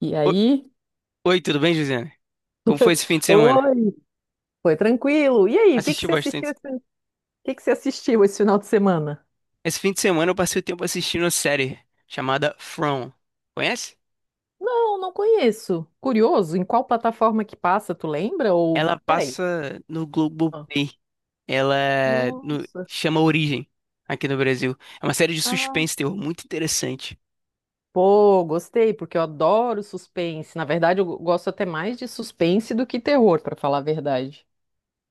E O- aí? Oi, tudo bem, Josiane? Como foi esse fim de semana? Oi, foi tranquilo. E aí, o que que Assisti você assistiu bastante. esse, o que que você assistiu esse final de semana? Esse fim de semana eu passei o tempo assistindo uma série chamada From. Conhece? Não, não conheço. Curioso, em qual plataforma que passa, tu lembra? Ou, Ela peraí. passa no Ah. Globoplay. Ela no- Nossa, Chama Origem aqui no Brasil. É uma série de ah, suspense e terror muito interessante. pô, gostei, porque eu adoro suspense. Na verdade, eu gosto até mais de suspense do que terror, pra falar a verdade.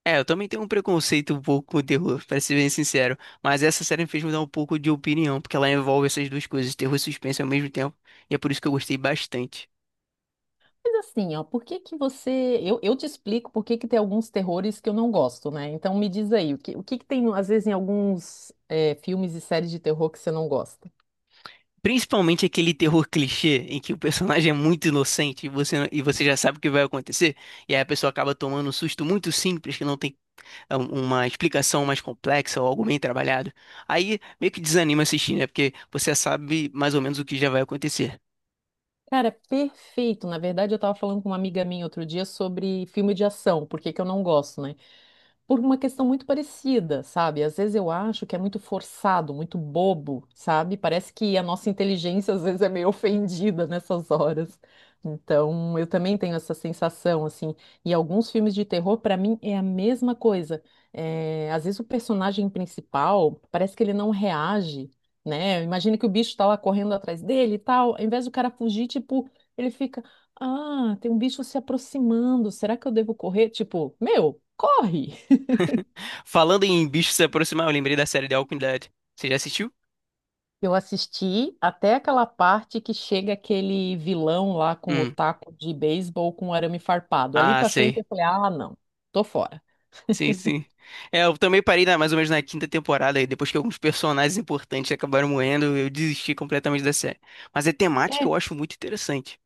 É, eu também tenho um preconceito um pouco com o terror, pra ser bem sincero. Mas essa série me fez mudar um pouco de opinião, porque ela envolve essas duas coisas, terror e suspense ao mesmo tempo. E é por isso que eu gostei bastante. Mas assim, ó, por que que você... Eu te explico por que que tem alguns terrores que eu não gosto, né? Então me diz aí, o que que tem, às vezes, em alguns filmes e séries de terror que você não gosta? Principalmente aquele terror clichê em que o personagem é muito inocente e você já sabe o que vai acontecer, e aí a pessoa acaba tomando um susto muito simples, que não tem uma explicação mais complexa ou algo bem trabalhado. Aí meio que desanima assistir, né? Porque você já sabe mais ou menos o que já vai acontecer. Cara, perfeito. Na verdade, eu tava falando com uma amiga minha outro dia sobre filme de ação, porque que eu não gosto, né? Por uma questão muito parecida, sabe? Às vezes eu acho que é muito forçado, muito bobo, sabe? Parece que a nossa inteligência às vezes é meio ofendida nessas horas. Então, eu também tenho essa sensação, assim. E alguns filmes de terror, pra mim, é a mesma coisa. É, às vezes o personagem principal parece que ele não reage, né? Imagina que o bicho tá lá correndo atrás dele e tal. Ao invés do cara fugir, tipo, ele fica. Ah, tem um bicho se aproximando. Será que eu devo correr? Tipo, meu, corre! Falando em bichos se aproximar, eu lembrei da série The Walking Dead. Você já assistiu? Eu assisti até aquela parte que chega aquele vilão lá com o Hum. taco de beisebol com o arame farpado. Ali Ah, pra frente sei. eu falei, ah, não, tô fora. Sim, sim. É, eu também parei na, mais ou menos na quinta temporada, aí depois que alguns personagens importantes acabaram morrendo, eu desisti completamente da série. Mas a temática É, eu acho muito interessante.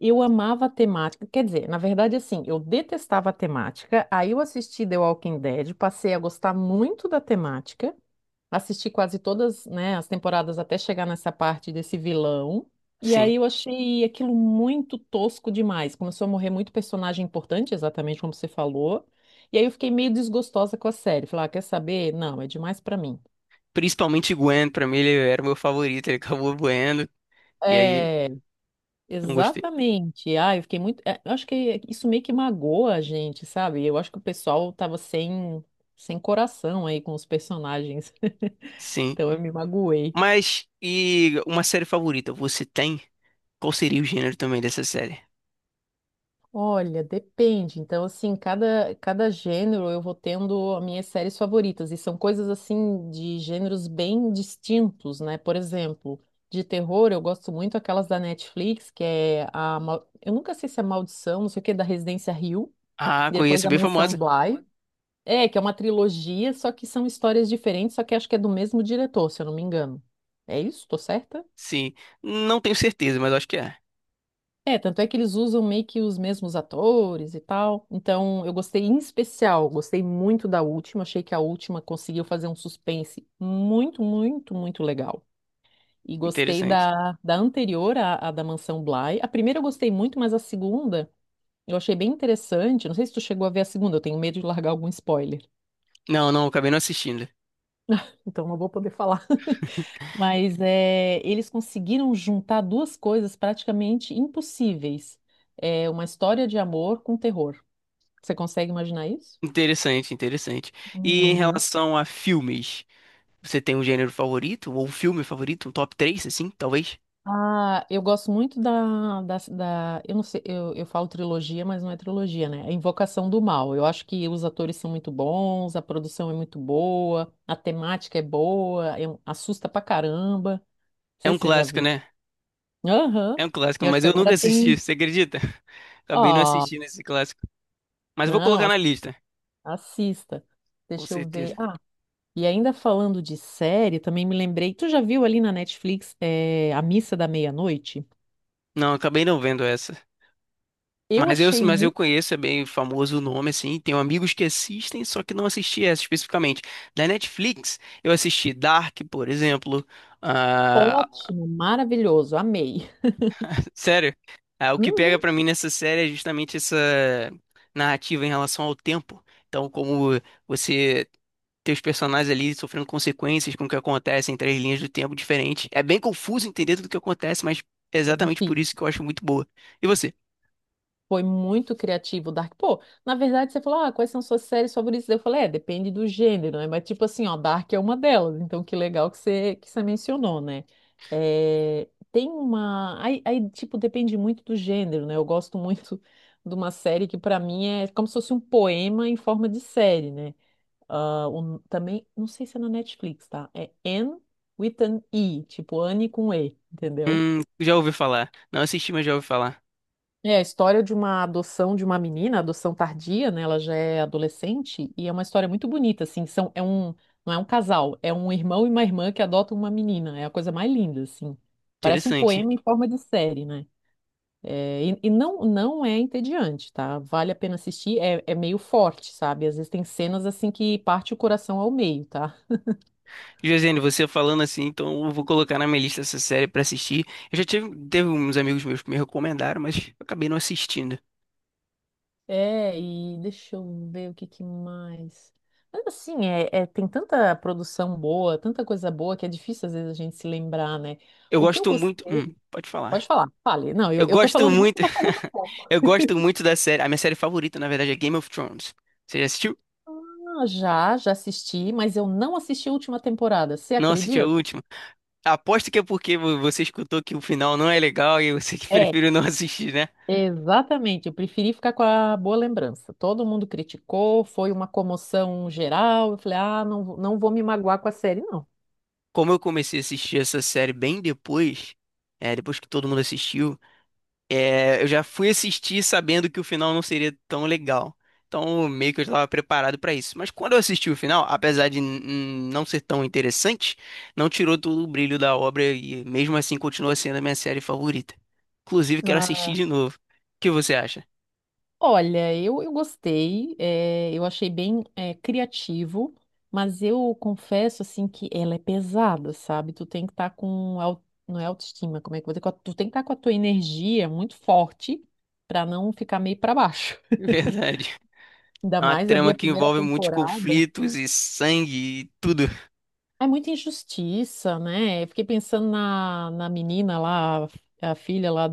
eu amava a temática, quer dizer, na verdade, assim, eu detestava a temática, aí eu assisti The Walking Dead, passei a gostar muito da temática. Assisti quase todas, né, as temporadas até chegar nessa parte desse vilão. E Sim. aí eu achei aquilo muito tosco demais. Começou a morrer muito personagem importante, exatamente como você falou. E aí eu fiquei meio desgostosa com a série. Falei, ah, quer saber? Não, é demais pra mim. Principalmente Gwen, pra mim ele era o meu favorito, ele acabou morrendo, e aí É, não gostei. exatamente. Ah, eu fiquei muito. É, eu acho que isso meio que magoa a gente, sabe? Eu acho que o pessoal tava sem coração aí com os personagens. Sim. Então eu me magoei. Mas, e uma série favorita você tem? Qual seria o gênero também dessa série? Olha, depende. Então, assim, cada gênero eu vou tendo as minhas séries favoritas. E são coisas, assim, de gêneros bem distintos, né? Por exemplo, de terror, eu gosto muito aquelas da Netflix, que é a. Mal- eu nunca sei se é Maldição, não sei o que, da Residência Hill. Ah, Depois conheço, a bem Mansão famosa. Bly. É, que é uma trilogia, só que são histórias diferentes, só que acho que é do mesmo diretor, se eu não me engano. É isso? Tô certa? Sim. Não tenho certeza, mas acho que é. É, tanto é que eles usam meio que os mesmos atores e tal. Então, eu gostei em especial, gostei muito da última. Achei que a última conseguiu fazer um suspense muito, muito, muito legal. E gostei Interessante. Da anterior, à da Mansão Bly. A primeira eu gostei muito, mas a segunda eu achei bem interessante. Não sei se tu chegou a ver a segunda, eu tenho medo de largar algum spoiler. Não, não, acabei não assistindo. Então, não vou poder falar. Mas é, eles conseguiram juntar duas coisas praticamente impossíveis. É, uma história de amor com terror. Você consegue imaginar isso? Interessante, interessante. E em Uhum. relação a filmes, você tem um gênero favorito? Ou um filme favorito? Um top 3 assim, talvez? Ah, eu gosto muito eu não sei, eu falo trilogia, mas não é trilogia, né? É Invocação do Mal. Eu acho que os atores são muito bons, a produção é muito boa, a temática é boa, é um- assusta pra caramba. Não É sei um se você já clássico, viu. né? Aham. É um E clássico, eu acho mas que eu nunca agora assisti, tem. você acredita? Acabei não Ó, assistindo esse clássico. Mas vou não, colocar na lista, assista. com Deixa eu ver. certeza. Ah, e ainda falando de série, também me lembrei. Tu já viu ali na Netflix, A Missa da Meia-Noite? Não, acabei não vendo essa. Eu Mas eu, achei mas eu muito conheço, é bem famoso o nome, assim. Tenho amigos que assistem, só que não assisti essa especificamente. Da Netflix, eu assisti Dark, por exemplo. Ah, ótimo, maravilhoso, amei. sério. Ah, o que pega Uhum, pra mim nessa série é justamente essa narrativa em relação ao tempo. Então, como você ter os personagens ali sofrendo consequências com o que acontece em três linhas do tempo diferentes. É bem confuso entender tudo o que acontece, mas é é exatamente por difícil. isso que eu acho muito boa. E você? Foi muito criativo o Dark. Pô, na verdade você falou, ah, quais são suas séries favoritas? Eu falei, é, depende do gênero, né? Mas tipo assim, ó, Dark é uma delas. Então que legal que que você mencionou, né? É, tem uma... tipo, depende muito do gênero, né? Eu gosto muito de uma série que pra mim é como se fosse um poema em forma de série, né? Ah, também, não sei se é na Netflix, tá? É Anne with an E, tipo Anne com E, entendeu? Já ouvi falar. Não assisti, mas já ouvi falar. É a história de uma adoção de uma menina, adoção tardia, né? Ela já é adolescente e é uma história muito bonita, assim. Não é um casal, é um irmão e uma irmã que adotam uma menina. É a coisa mais linda, assim. Parece um Interessante. poema em forma de série, né? E não, não é entediante, tá? Vale a pena assistir. É, é meio forte, sabe? Às vezes tem cenas assim que parte o coração ao meio, tá? Josiane, você falando assim, então eu vou colocar na minha lista essa série pra assistir. Eu já tive, teve uns amigos meus que me recomendaram, mas eu acabei não assistindo. É, e deixa eu ver o que que mais. Mas assim, tem tanta produção boa, tanta coisa boa que é difícil às vezes a gente se lembrar, né? Eu O que eu gosto gostei. muito. Pode Pode falar. falar, fale. Não, eu, Eu eu tô gosto falando muito, muito. tô falando pouco. Eu gosto muito da série. A minha série favorita, na verdade, é Game of Thrones. Você já assistiu? Ah, já assisti, mas eu não assisti a última temporada, você Não assistiu a acredita? última? Aposto que é porque você escutou que o final não é legal e você que É, preferiu não assistir, né? exatamente. Eu preferi ficar com a boa lembrança. Todo mundo criticou, foi uma comoção geral. Eu falei, ah, não, não vou me magoar com a série, não. Como eu comecei a assistir essa série bem depois, é, depois que todo mundo assistiu. É, eu já fui assistir sabendo que o final não seria tão legal. Então, meio que eu já estava preparado para isso. Mas quando eu assisti o final, apesar de não ser tão interessante, não tirou todo o brilho da obra e mesmo assim continua sendo a minha série favorita. Inclusive, quero assistir de novo. O que você acha? Olha, eu gostei, eu achei bem criativo, mas eu confesso assim que ela é pesada, sabe? Tu tem que estar com não é autoestima, como é que eu vou dizer? Com a- tu tem que estar com a tua energia muito forte para não ficar meio para baixo. Verdade. Ainda É uma mais ali trama a que primeira envolve muitos temporada. conflitos e sangue e tudo. É muita injustiça, né? Eu fiquei pensando na menina lá, a filha lá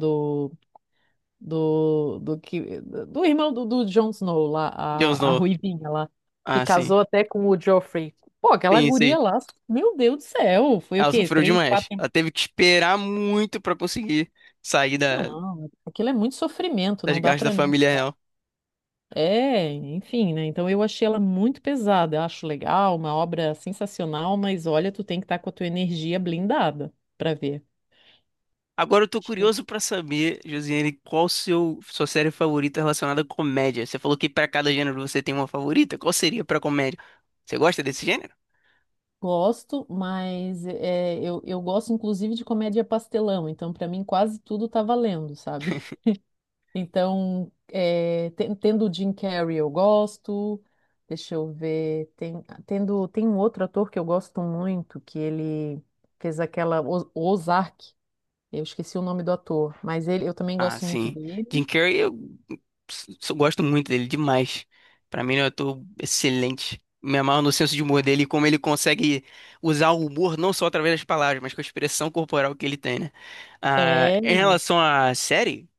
do irmão do Jon Snow lá, Jon a Snow. ruivinha lá, que Ah, sim. casou até com o Joffrey. Pô, aquela Sim, sim. guria lá, meu Deus do céu, foi o Ela quê? sofreu Três, quatro demais. Ela temporadas? teve que esperar muito pra conseguir sair da- Não, aquilo é muito sofrimento, das não dá garras da pra mim. família real. É, enfim, né? Então eu achei ela muito pesada, eu acho legal, uma obra sensacional, mas olha, tu tem que estar com a tua energia blindada pra ver. Agora eu tô Eu curioso pra saber, Josiane, qual seu sua série favorita relacionada à comédia? Você falou que pra cada gênero você tem uma favorita. Qual seria pra comédia? Você gosta desse gênero? gosto, mas é, eu gosto inclusive de comédia pastelão, então pra mim quase tudo tá valendo, sabe? Então, é, tendo o Jim Carrey eu gosto. Deixa eu ver. Tem um outro ator que eu gosto muito, que ele fez aquela Ozark. Eu esqueci o nome do ator, mas ele, eu também Ah, gosto muito sim. Jim dele. Carrey, gosto muito dele demais. Pra mim, ele é um ator excelente. Me amarro no senso de humor dele e como ele consegue usar o humor não só através das palavras, mas com a expressão corporal que ele tem, né? Ah, É, em relação à série,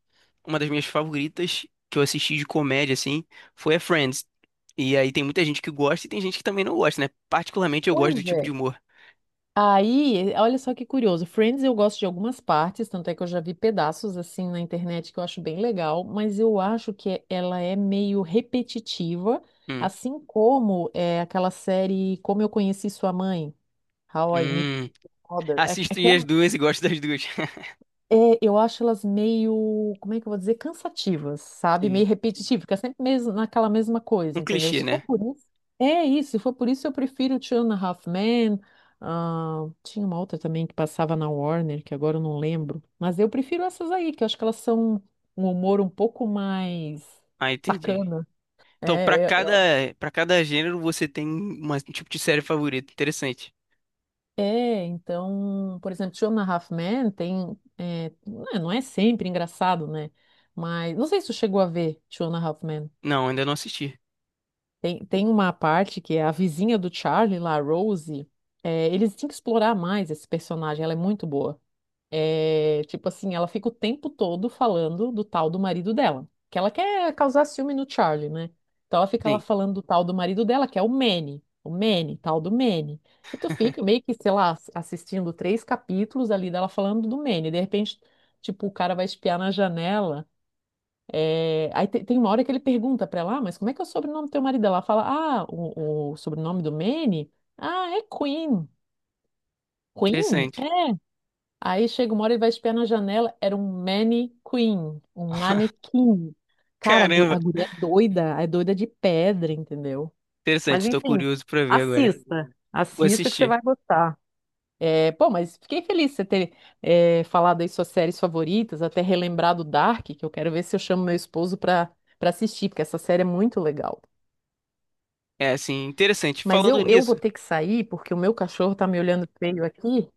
uma das minhas favoritas que eu assisti de comédia, assim, foi a Friends. E aí tem muita gente que gosta e tem gente que também não gosta, né? Particularmente eu gosto do pois tipo é. de humor. Aí, olha só que curioso. Friends eu gosto de algumas partes, tanto é que eu já vi pedaços assim na internet que eu acho bem legal, mas eu acho que ela é meio repetitiva, Hum, assim como é aquela série Como Eu Conheci Sua Mãe, How I Met hum. Mother. Assisto as duas e gosto das duas. É, eu acho elas meio, como é que eu vou dizer, cansativas, sabe? Sim. Meio repetitivas, fica sempre mesmo naquela mesma Um coisa, entendeu? clichê, Se for né? por isso, é isso. Se for por isso, eu prefiro Two and a Half Men. Ah, tinha uma outra também que passava na Warner, que agora eu não lembro. Mas eu prefiro essas aí, que eu acho que elas são um humor um pouco mais Ah, entendi. sacana. Então, pra É, é, cada, é- Para cada gênero você tem um tipo de série favorita. Interessante. é, então, por exemplo, Two and a Half Men tem, é, não é sempre engraçado, né? Mas não sei se tu chegou a ver Two and a Half Men. Não, ainda não assisti. Tem uma parte que é a vizinha do Charlie, lá, a Rose. É, eles têm que explorar mais esse personagem, ela é muito boa. É, tipo assim, ela fica o tempo todo falando do tal do marido dela, que ela quer causar ciúme no Charlie, né? Então ela fica lá Sim, falando do tal do marido dela, que é o Manny, tal do Manny. E tu fica meio que, sei lá, assistindo três capítulos ali dela falando do Manny. De repente, tipo, o cara vai espiar na janela. É, aí tem uma hora que ele pergunta pra ela: "Ah, mas como é que é o sobrenome do teu marido?" Ela fala, ah, o sobrenome do Manny? Ah, é Queen. Queen? interessante. É. Aí chega uma hora, ele vai espiar na janela, era um Queen, um manequim. Cara, a Caramba, a guria é doida de pedra, entendeu? interessante. Mas Estou enfim, curioso pra ver agora. assista, Vou assista que você assistir. vai gostar. É, pô, mas fiquei feliz de você ter falado aí suas séries favoritas, até relembrado Dark, que eu quero ver se eu chamo meu esposo pra assistir, porque essa série é muito legal. É, assim, interessante. Mas Falando eu nisso, vou ter que sair, porque o meu cachorro tá me olhando feio aqui.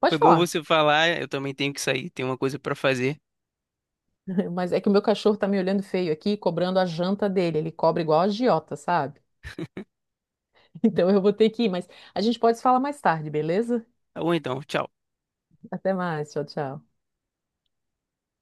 Pode foi bom falar, você falar. Eu também tenho que sair, tenho uma coisa pra fazer. mas é que o meu cachorro tá me olhando feio aqui, cobrando a janta dele. Ele cobra igual a agiota, sabe? Então eu vou ter que ir, mas a gente pode se falar mais tarde, beleza? Tá bom então, tchau. Até mais, tchau, tchau.